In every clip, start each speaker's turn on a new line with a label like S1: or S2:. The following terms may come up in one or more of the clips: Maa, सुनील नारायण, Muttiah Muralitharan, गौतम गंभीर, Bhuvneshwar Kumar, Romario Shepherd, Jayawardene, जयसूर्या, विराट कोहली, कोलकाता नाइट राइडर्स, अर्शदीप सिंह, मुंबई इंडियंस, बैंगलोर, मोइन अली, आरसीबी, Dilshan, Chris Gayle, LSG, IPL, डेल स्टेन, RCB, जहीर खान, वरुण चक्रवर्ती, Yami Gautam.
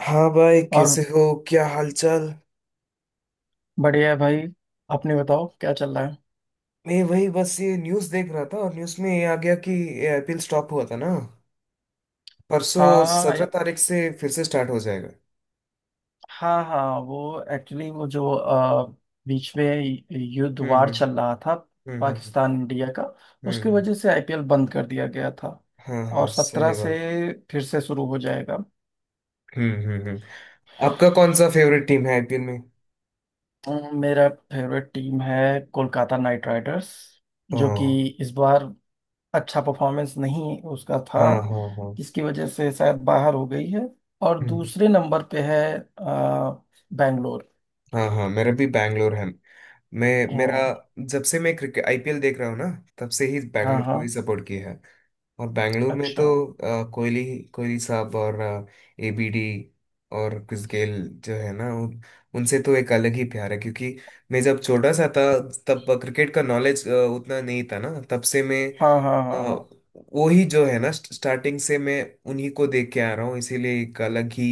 S1: हाँ भाई,
S2: और
S1: कैसे हो? क्या हालचाल?
S2: बढ़िया है भाई। अपने बताओ क्या चल रहा है।
S1: मैं वही बस ये न्यूज़ देख रहा था और न्यूज़ में ये आ गया कि ये आईपीएल स्टॉप हुआ था ना परसों।
S2: हाँ
S1: 17 तारीख से फिर से स्टार्ट हो जाएगा।
S2: हाँ हाँ वो एक्चुअली वो जो बीच में युद्ध
S1: हम्म,
S2: वार
S1: हम्म,
S2: चल रहा था।
S1: हम्म, हम्म,
S2: पाकिस्तान इंडिया का।
S1: हम्म,
S2: उसकी
S1: हम्म।
S2: वजह से आईपीएल बंद कर दिया गया था
S1: हाँ
S2: और
S1: हाँ,
S2: 17
S1: सही बात।
S2: से फिर से शुरू हो जाएगा।
S1: हम्म, हम्म, हम्म। आपका कौन सा फेवरेट टीम है आईपीएल में?
S2: मेरा फेवरेट टीम है कोलकाता नाइट राइडर्स जो कि
S1: हाँ,
S2: इस बार अच्छा परफॉर्मेंस नहीं उसका था।
S1: हाँ, हाँ, हाँ।
S2: जिसकी वजह से शायद बाहर हो गई है। और
S1: हम्म।
S2: दूसरे नंबर पे है आ, बैंगलोर।
S1: हाँ हाँ, मेरा भी बैंगलोर है। मैं मेरा
S2: हम्म,
S1: जब से मैं क्रिकेट आईपीएल देख रहा हूँ ना, तब से ही
S2: हाँ
S1: बैंगलोर
S2: हाँ।
S1: को ही सपोर्ट किया है। और बैंगलोर में
S2: अच्छा।
S1: तो कोहली कोहली साहब और एबीडी और क्रिस गेल जो है ना उनसे तो एक अलग ही प्यार है, क्योंकि मैं जब छोटा सा था तब क्रिकेट का नॉलेज उतना नहीं था ना, तब से
S2: हाँ हाँ हाँ हाँ हाँ।
S1: अ, वो ही जो है ना स्टार्टिंग से मैं उन्हीं को देख के आ रहा हूँ, इसीलिए एक अलग ही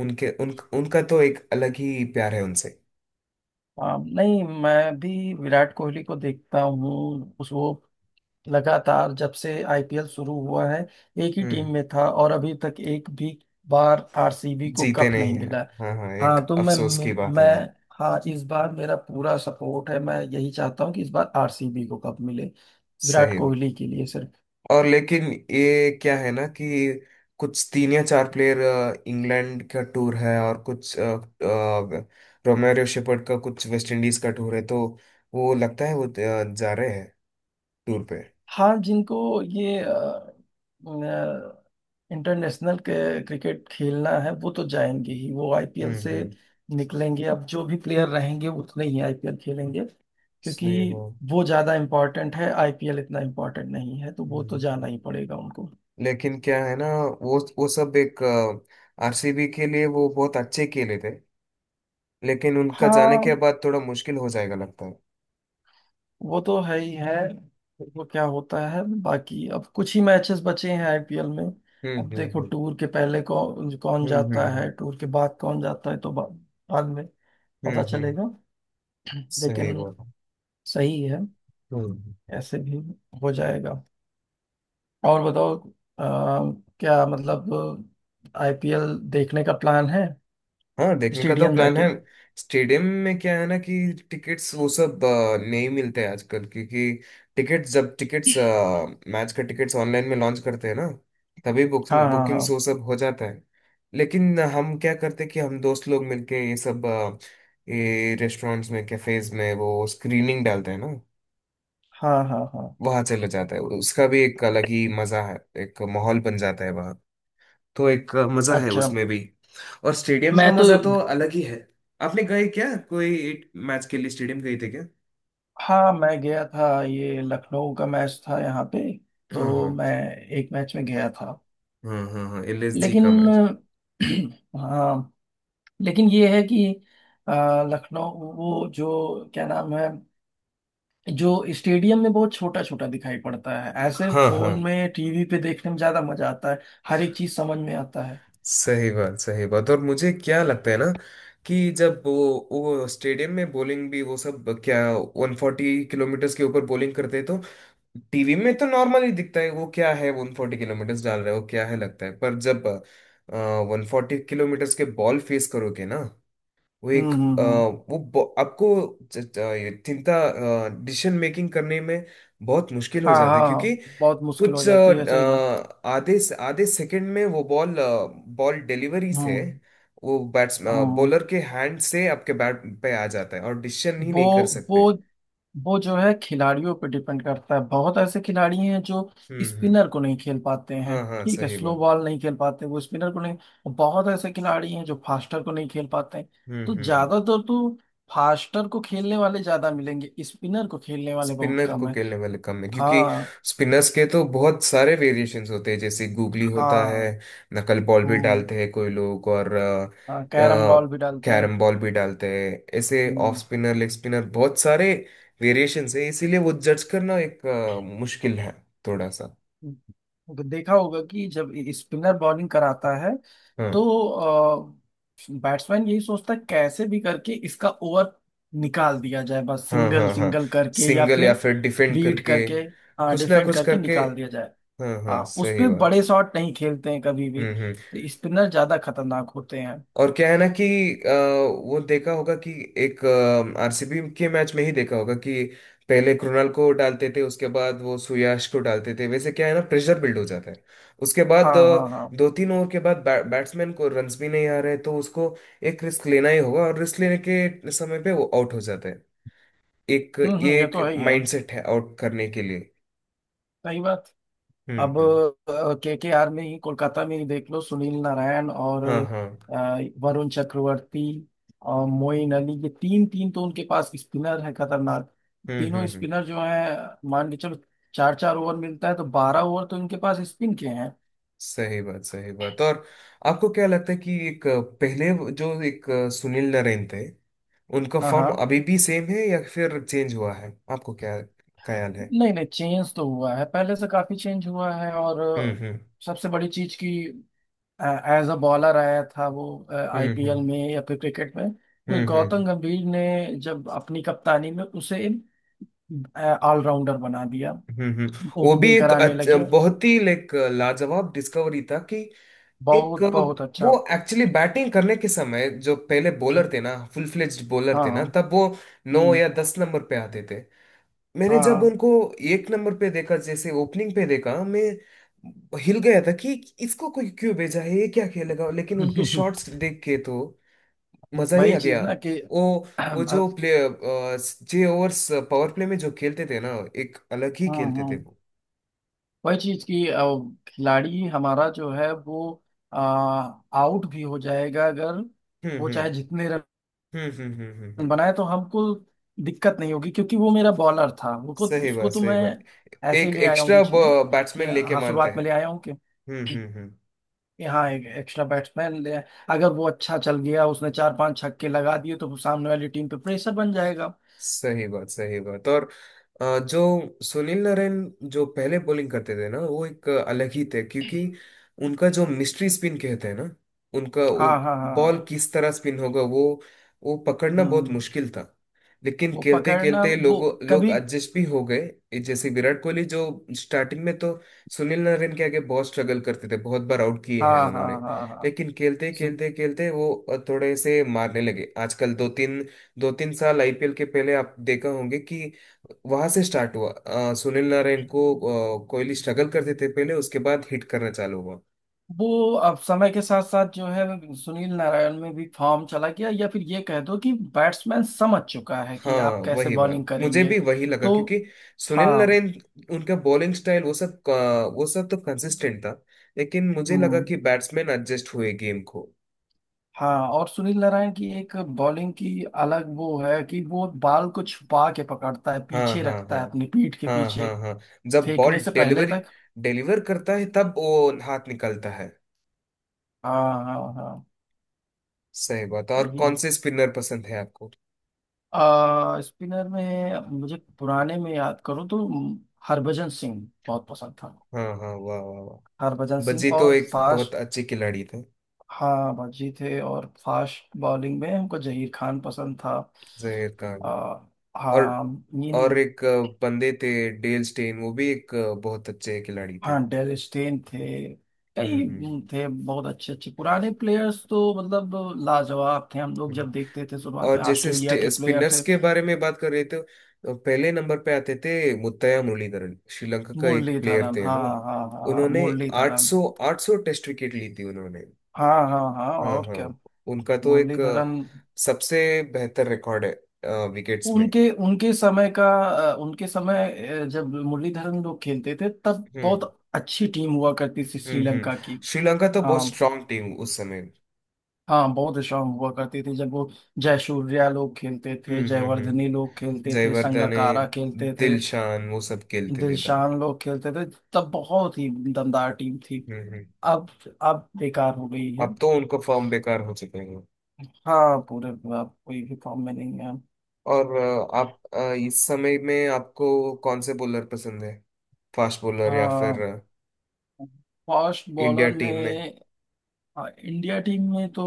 S1: उनका तो एक अलग ही प्यार है उनसे।
S2: हाँ, नहीं मैं भी विराट कोहली को देखता हूँ उस वो लगातार जब से आईपीएल शुरू हुआ है एक ही
S1: हम्म।
S2: टीम में था और अभी तक एक भी बार आरसीबी को
S1: जीते
S2: कप नहीं
S1: नहीं है।
S2: मिला।
S1: हाँ हाँ, एक
S2: हाँ तो
S1: अफसोस की बात है वो।
S2: मैं- हाँ इस बार मेरा पूरा सपोर्ट है मैं यही चाहता हूँ कि इस बार आरसीबी को कप मिले विराट
S1: सही बात।
S2: कोहली के लिए सिर्फ।
S1: और लेकिन ये क्या है ना कि कुछ तीन या चार प्लेयर इंग्लैंड का टूर है, और कुछ रोमेरियो शेफर्ड का कुछ वेस्ट इंडीज का टूर है, तो वो लगता है वो जा रहे हैं टूर पे।
S2: हाँ जिनको ये इंटरनेशनल क्रिकेट खेलना है वो तो जाएंगे ही वो आईपीएल
S1: हम्म,
S2: से
S1: हम्म।
S2: निकलेंगे। अब जो भी प्लेयर रहेंगे उतने ही आईपीएल खेलेंगे क्योंकि
S1: सही वो।
S2: वो ज्यादा इम्पोर्टेंट है आईपीएल इतना इम्पोर्टेंट नहीं है तो वो तो
S1: हम्म।
S2: जाना ही पड़ेगा उनको।
S1: लेकिन क्या है ना, वो सब एक आरसीबी के लिए वो बहुत अच्छे खेले थे, लेकिन उनका जाने के
S2: हाँ
S1: बाद थोड़ा मुश्किल हो जाएगा लगता है।
S2: वो तो है ही है। वो क्या होता है बाकी अब कुछ ही मैचेस बचे हैं आईपीएल में।
S1: हम्म,
S2: अब देखो
S1: हम्म,
S2: टूर के पहले कौन कौन
S1: हम्म,
S2: जाता
S1: हम्म, हम्म,
S2: है टूर के बाद कौन जाता है तो बाद में
S1: हम्म,
S2: पता
S1: हम्म।
S2: चलेगा। लेकिन
S1: सही बात।
S2: सही है।
S1: हम्म।
S2: ऐसे भी हो जाएगा। और बताओ अ, क्या मतलब आईपीएल देखने का प्लान है
S1: हाँ, देखने का तो
S2: स्टेडियम
S1: प्लान
S2: जाके।
S1: है। स्टेडियम में क्या है ना कि टिकट्स वो सब नहीं मिलते हैं आजकल, क्योंकि टिकट्स जब टिकट्स, मैच का टिकट्स ऑनलाइन में लॉन्च करते हैं ना, तभी
S2: हाँ हाँ हाँ
S1: बुकिंग्स वो सब हो जाता है। लेकिन हम क्या करते हैं कि हम दोस्त लोग मिलके ये रेस्टोरेंट्स में, कैफेज में वो स्क्रीनिंग डालते हैं ना,
S2: हाँ हाँ हाँ।
S1: वहाँ चले जाता है, उसका भी एक अलग ही मजा है, एक माहौल बन जाता है, तो एक मजा है
S2: अच्छा।
S1: उसमें भी। और स्टेडियम का
S2: मैं तो
S1: मजा तो अलग ही है। आपने गए क्या कोई एक मैच के लिए स्टेडियम गए थे क्या?
S2: हाँ मैं गया था ये लखनऊ का मैच था यहाँ पे
S1: हाँ, हाँ,
S2: तो मैं एक मैच में गया था।
S1: हाँ, हाँ, हाँ, एलएसजी
S2: लेकिन
S1: का मैच।
S2: हाँ लेकिन ये है कि अ, लखनऊ वो जो क्या नाम है जो स्टेडियम में बहुत छोटा छोटा दिखाई पड़ता है ऐसे
S1: हाँ
S2: फोन
S1: हाँ,
S2: में टीवी पे देखने में ज्यादा मजा आता है। हर एक चीज समझ में आता है।
S1: सही बात, सही बात। और मुझे क्या लगता है ना कि जब वो स्टेडियम में बॉलिंग भी वो सब क्या, 140 किलोमीटर के ऊपर बॉलिंग करते हैं, तो टीवी में तो नॉर्मल ही दिखता है, वो क्या है 140 किलोमीटर डाल रहे हो क्या है लगता है, पर जब वन फोर्टी किलोमीटर के बॉल फेस करोगे ना, वो एक अ,
S2: हम्म।
S1: वो ब- आपको ये चिंता डिसीजन मेकिंग करने में बहुत मुश्किल हो
S2: हाँ
S1: जाता है, क्योंकि
S2: हाँ बहुत मुश्किल हो
S1: कुछ
S2: जाती है सही बात।
S1: आधे आधे सेकंड में वो बॉल बॉल डिलीवरी से
S2: हम्म
S1: वो बैट्स
S2: हम्म।
S1: बॉलर के हैंड से आपके बैट पे आ जाता है और डिसीजन ही
S2: वो
S1: नहीं कर
S2: वो
S1: सकते।
S2: वो जो है खिलाड़ियों पे डिपेंड करता है। बहुत ऐसे खिलाड़ी हैं जो
S1: हम्म, हम्म।
S2: स्पिनर को नहीं खेल पाते हैं
S1: हाँ हाँ,
S2: ठीक है
S1: सही
S2: स्लो
S1: बात।
S2: बॉल नहीं खेल पाते वो स्पिनर को नहीं। और बहुत ऐसे खिलाड़ी हैं जो फास्टर को नहीं खेल पाते हैं।
S1: हम्म,
S2: तो
S1: हम्म, हम्म।
S2: ज्यादातर तो फास्टर को खेलने वाले ज्यादा मिलेंगे स्पिनर को खेलने वाले बहुत
S1: स्पिनर
S2: कम
S1: को
S2: है।
S1: खेलने वाले कम है, क्योंकि
S2: हाँ
S1: स्पिनर्स के तो बहुत सारे वेरिएशंस होते हैं, जैसे गूगली होता है,
S2: हाँ।
S1: नकल बॉल भी
S2: हम्म।
S1: डालते हैं कोई लोग, और
S2: हाँ कैरम बॉल भी डालते हैं।
S1: कैरम बॉल भी डालते हैं, ऐसे ऑफ
S2: हम्म।
S1: स्पिनर, लेग स्पिनर, बहुत सारे वेरिएशंस है, इसीलिए वो जज करना एक मुश्किल है थोड़ा सा।
S2: तो देखा होगा कि जब स्पिनर बॉलिंग कराता है तो
S1: हाँ,
S2: बैट्समैन यही सोचता है कैसे भी करके इसका ओवर निकाल दिया जाए बस
S1: हाँ,
S2: सिंगल
S1: हाँ, हाँ।
S2: सिंगल करके या
S1: सिंगल या
S2: फिर
S1: फिर डिफेंड
S2: बीट
S1: करके,
S2: करके
S1: कुछ ना
S2: डिफेंड
S1: कुछ
S2: करके
S1: करके।
S2: निकाल दिया जाए।
S1: हाँ
S2: हाँ
S1: हाँ,
S2: उस
S1: सही
S2: पे
S1: बात।
S2: बड़े शॉट नहीं खेलते हैं कभी भी
S1: हम्म,
S2: तो स्पिनर ज्यादा खतरनाक होते हैं।
S1: और क्या है ना कि अ, वो देखा होगा कि एक आरसीबी के मैच में ही देखा होगा कि पहले कृणाल को डालते थे, उसके बाद वो सुयाश को डालते थे, वैसे क्या है ना प्रेशर बिल्ड हो जाता है, उसके बाद
S2: हाँ हाँ हाँ।
S1: दो तीन ओवर के बाद बैट्समैन को रन्स भी नहीं आ रहे, तो उसको एक रिस्क लेना ही होगा, और रिस्क लेने के समय पे वो आउट हो जाता है, एक ये
S2: ये तो
S1: एक
S2: है ही है।
S1: माइंडसेट है आउट करने के लिए।
S2: सही बात।
S1: हम्म,
S2: अब
S1: हम्म।
S2: के आर में ही कोलकाता में ही देख लो सुनील नारायण और
S1: हाँ हाँ।
S2: वरुण चक्रवर्ती और मोइन अली ये तीन तीन तो उनके पास स्पिनर है खतरनाक।
S1: हम्म, हम्म,
S2: तीनों
S1: हम्म।
S2: स्पिनर जो है मान के चलो चार चार ओवर मिलता है तो 12 ओवर तो इनके पास स्पिन के हैं।
S1: सही बात, सही बात। और आपको क्या लगता है कि एक, पहले जो एक सुनील नरेन थे, उनका
S2: हाँ हाँ।
S1: फॉर्म अभी भी सेम है या फिर चेंज हुआ है, आपको क्या ख्याल है?
S2: नहीं नहीं चेंज तो हुआ है पहले से काफी चेंज हुआ है। और
S1: हम्म, हम्म,
S2: सबसे बड़ी चीज की एज अ बॉलर आया था वो
S1: हम्म, हम्म,
S2: आईपीएल में या फिर क्रिकेट में। फिर
S1: हम्म, हम्म,
S2: गौतम गंभीर ने जब अपनी कप्तानी में उसे ऑलराउंडर बना दिया
S1: हम्म, हम्म। वो भी
S2: ओपनिंग कराने लगे।
S1: बहुत ही लाइक लाजवाब डिस्कवरी था कि एक
S2: बहुत बहुत
S1: वो
S2: अच्छा।
S1: एक्चुअली बैटिंग करने के समय, जो पहले बॉलर थे ना, फुल फ्लेज्ड बॉलर
S2: हाँ
S1: थे
S2: हाँ।
S1: ना, तब वो नौ
S2: हम्म,
S1: या 10 नंबर पे आते थे। मैंने जब
S2: हाँ
S1: उनको एक नंबर पे देखा, जैसे ओपनिंग पे देखा, मैं हिल गया था कि इसको कोई क्यों भेजा है, ये क्या खेलेगा। लेकिन उनके शॉट्स देख के तो मजा ही
S2: वही
S1: आ
S2: चीज
S1: गया।
S2: ना कि
S1: वो वो
S2: हाँ।
S1: जो प्ले जे ओवर्स पावर प्ले में जो खेलते थे ना, एक अलग ही खेलते थे
S2: हाँ
S1: वो।
S2: वही चीज की खिलाड़ी हमारा जो है वो आउट भी हो जाएगा अगर
S1: हम्म,
S2: वो
S1: हम्म,
S2: चाहे जितने रन
S1: हम्म, हम्म, हम्म, हम्म,
S2: बनाए तो हमको दिक्कत नहीं होगी क्योंकि वो मेरा बॉलर था वो को
S1: सही
S2: उसको
S1: बात,
S2: तो
S1: सही
S2: मैं
S1: बात।
S2: ऐसे ही
S1: एक
S2: ले आया हूँ
S1: एक्स्ट्रा
S2: बीच में कि
S1: बैट्समैन लेके
S2: हाँ
S1: मानते
S2: शुरुआत में
S1: हैं।
S2: ले आया हूँ कि
S1: हम्म, हम्म, हम्म।
S2: हाँ एक एक्स्ट्रा बैट्समैन ले आए। अगर वो अच्छा चल गया उसने चार पांच छक्के लगा दिए तो सामने वाली टीम पे प्रेशर बन जाएगा।
S1: सही बात, सही बात। और जो सुनील नारायण जो पहले बॉलिंग करते थे ना, वो एक अलग ही थे, क्योंकि उनका जो मिस्ट्री स्पिन कहते हैं ना, उनका वो
S2: हाँ हाँ हाँ
S1: बॉल
S2: हाँ।
S1: किस तरह स्पिन होगा, वो पकड़ना बहुत
S2: हम्म।
S1: मुश्किल था। लेकिन
S2: वो
S1: खेलते
S2: पकड़ना
S1: खेलते
S2: वो
S1: लोग
S2: कभी।
S1: एडजस्ट भी हो गए। ये जैसे विराट कोहली, जो स्टार्टिंग में तो सुनील नारायण के आगे बहुत स्ट्रगल करते थे, बहुत बार आउट किए
S2: हाँ
S1: हैं
S2: हाँ
S1: उन्होंने।
S2: हाँ हाँ हाँ।
S1: लेकिन खेलते खेलते खेलते वो थोड़े से मारने लगे आजकल। दो तीन साल आईपीएल के पहले आप देखा होंगे कि वहां से स्टार्ट हुआ, सुनील नारायण को कोहली स्ट्रगल करते थे पहले, उसके बाद हिट करना चालू हुआ।
S2: वो अब समय के साथ साथ जो है सुनील नारायण में भी फॉर्म चला गया या फिर ये कह दो कि बैट्समैन समझ चुका है
S1: हाँ
S2: कि आप कैसे
S1: वही बात,
S2: बॉलिंग
S1: मुझे
S2: करेंगे
S1: भी वही लगा
S2: तो।
S1: क्योंकि सुनील
S2: हाँ।
S1: नारायण, उनका बॉलिंग स्टाइल वो सब तो कंसिस्टेंट था, लेकिन मुझे लगा
S2: हम्म।
S1: कि बैट्समैन एडजस्ट हुए गेम को।
S2: हाँ और सुनील नारायण की एक बॉलिंग की अलग वो है कि वो बॉल को छुपा के पकड़ता है
S1: हाँ,
S2: पीछे
S1: हाँ,
S2: रखता
S1: हाँ,
S2: है अपनी पीठ के
S1: हाँ,
S2: पीछे
S1: हाँ, हाँ। जब बॉल
S2: फेंकने से पहले तक।
S1: डिलीवर करता है, तब वो हाथ निकलता है।
S2: हाँ हाँ हाँ।
S1: सही बात। और
S2: सही।
S1: कौन से स्पिनर पसंद है आपको?
S2: आ स्पिनर में मुझे पुराने में याद करो तो हरभजन सिंह बहुत पसंद था।
S1: हाँ हाँ, वाह, वाह, वाह।
S2: हरभजन सिंह
S1: बज्जी तो
S2: और
S1: एक बहुत
S2: फास्ट।
S1: अच्छी खिलाड़ी थे।
S2: हाँ भज्जी थे और फास्ट बॉलिंग में हमको जहीर खान पसंद था।
S1: जहीर खान।
S2: आ,
S1: और
S2: हाँ इन।
S1: और एक बंदे थे डेल स्टेन, वो भी एक बहुत अच्छे खिलाड़ी थे।
S2: हाँ डेल स्टेन थे।
S1: हम्म, हम्म,
S2: कई थे बहुत अच्छे अच्छे पुराने प्लेयर्स तो मतलब लाजवाब थे हम लोग
S1: हम्म।
S2: जब देखते थे शुरुआत
S1: और
S2: में
S1: जैसे
S2: ऑस्ट्रेलिया के प्लेयर
S1: स्पिनर्स
S2: थे।
S1: के बारे में बात कर रहे थे, तो पहले नंबर पे आते थे मुत्तैया मुरलीधरन। श्रीलंका का एक प्लेयर
S2: मुरलीधरन
S1: थे
S2: हाँ।
S1: ना,
S2: हाँ हाँ हाँ
S1: उन्होंने
S2: मुरलीधरन।
S1: 800 800 टेस्ट विकेट ली थी उन्होंने।
S2: हाँ हाँ हाँ
S1: हाँ
S2: और क्या।
S1: हाँ, उनका तो एक
S2: मुरलीधरन
S1: सबसे बेहतर रिकॉर्ड है विकेट्स में।
S2: उनके उनके समय का उनके समय जब मुरलीधरन लोग खेलते थे तब
S1: हम्म,
S2: बहुत अच्छी टीम हुआ करती थी
S1: हम्म, हम्म।
S2: श्रीलंका की।
S1: श्रीलंका तो बहुत
S2: हाँ
S1: स्ट्रांग टीम उस समय।
S2: हाँ बहुत स्ट्रांग हुआ करती थी जब वो जयसूर्या लोग खेलते थे
S1: हम्म, हम्म,
S2: जयवर्धने
S1: हम्म।
S2: लोग खेलते थे
S1: जयवर्धने,
S2: संगकारा खेलते थे
S1: दिलशान, वो सब खेलते थे तब।
S2: दिलशान लोग खेलते थे तब बहुत ही दमदार टीम थी।
S1: हम्म,
S2: अब अब बेकार हो गई है।
S1: अब तो उनको फॉर्म बेकार हो चुके हैं।
S2: हाँ पूरे अब कोई भी फॉर्म में नहीं है।
S1: और आप इस समय में आपको कौन से बॉलर पसंद है? फास्ट बॉलर या फिर
S2: हाँ फास्ट
S1: इंडिया
S2: बॉलर
S1: टीम में?
S2: में। हाँ इंडिया टीम में तो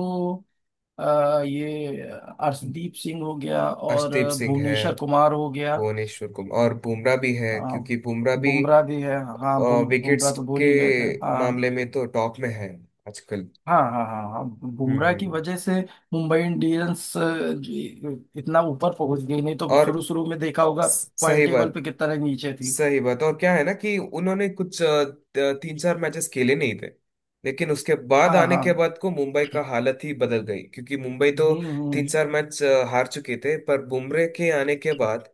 S2: ये अर्शदीप सिंह हो गया और
S1: अर्शदीप सिंह है,
S2: भुवनेश्वर कुमार हो गया।
S1: भुवनेश्वर कुमार, और बुमराह भी है,
S2: हाँ
S1: क्योंकि बुमराह भी
S2: बुमराह भी है। हाँ
S1: विकेट्स
S2: बुमराह तो भूल
S1: के
S2: ही गए थे हाँ।
S1: मामले में तो टॉप में है आजकल।
S2: हाँ हाँ हाँ हाँ।
S1: हम्म, हम्म,
S2: बुमराह की वजह से मुंबई इंडियंस जी, इतना ऊपर पहुंच गई नहीं तो
S1: और
S2: शुरू शुरू में देखा होगा पॉइंट
S1: सही
S2: टेबल
S1: बात,
S2: पे कितना नीचे थी।
S1: सही बात। और क्या है ना कि उन्होंने कुछ तीन चार मैचेस खेले नहीं थे, लेकिन उसके बाद
S2: हाँ
S1: आने
S2: हाँ।
S1: के बाद को मुंबई का हालत ही बदल गई, क्योंकि मुंबई तो
S2: हम्म
S1: तीन
S2: हम्म
S1: चार मैच हार चुके थे, पर बुमरे के आने के बाद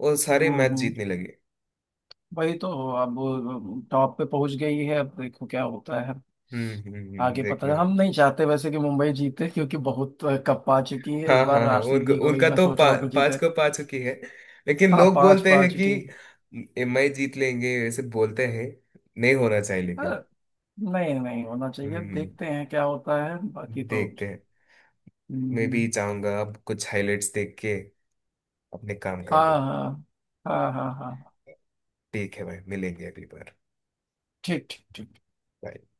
S1: वो सारे मैच
S2: हम्म।
S1: जीतने लगे।
S2: वही तो अब वो टॉप पे पहुंच गई है अब देखो क्या होता है
S1: हम्म, हम्म, हम्म।
S2: आगे पता
S1: देखना
S2: है,
S1: है।
S2: हम नहीं चाहते वैसे कि मुंबई जीते क्योंकि बहुत कप पा चुकी है इस
S1: हाँ हाँ
S2: बार
S1: हाँ, उनका
S2: आरसीबी को ही
S1: उनका
S2: मैं
S1: तो
S2: सोच रहा हूँ कि
S1: पांच
S2: जीते।
S1: को पा चुकी है। लेकिन
S2: हाँ
S1: लोग
S2: पांच
S1: बोलते
S2: पा
S1: हैं कि
S2: चुकी है।
S1: एमआई जीत लेंगे, ऐसे बोलते हैं। नहीं होना चाहिए
S2: अ,
S1: लेकिन।
S2: नहीं नहीं होना चाहिए
S1: हम्म,
S2: देखते हैं क्या होता है बाकी तो।
S1: देखते हैं। मैं भी
S2: हम्म,
S1: चाहूंगा अब कुछ हाइलाइट्स देख के अपने काम कर
S2: हाँ
S1: लो।
S2: हाँ हाँ हाँ हाँ हाँ।
S1: ठीक है भाई, मिलेंगे अगली बार।
S2: ठीक ठीक ठीक।
S1: Bye.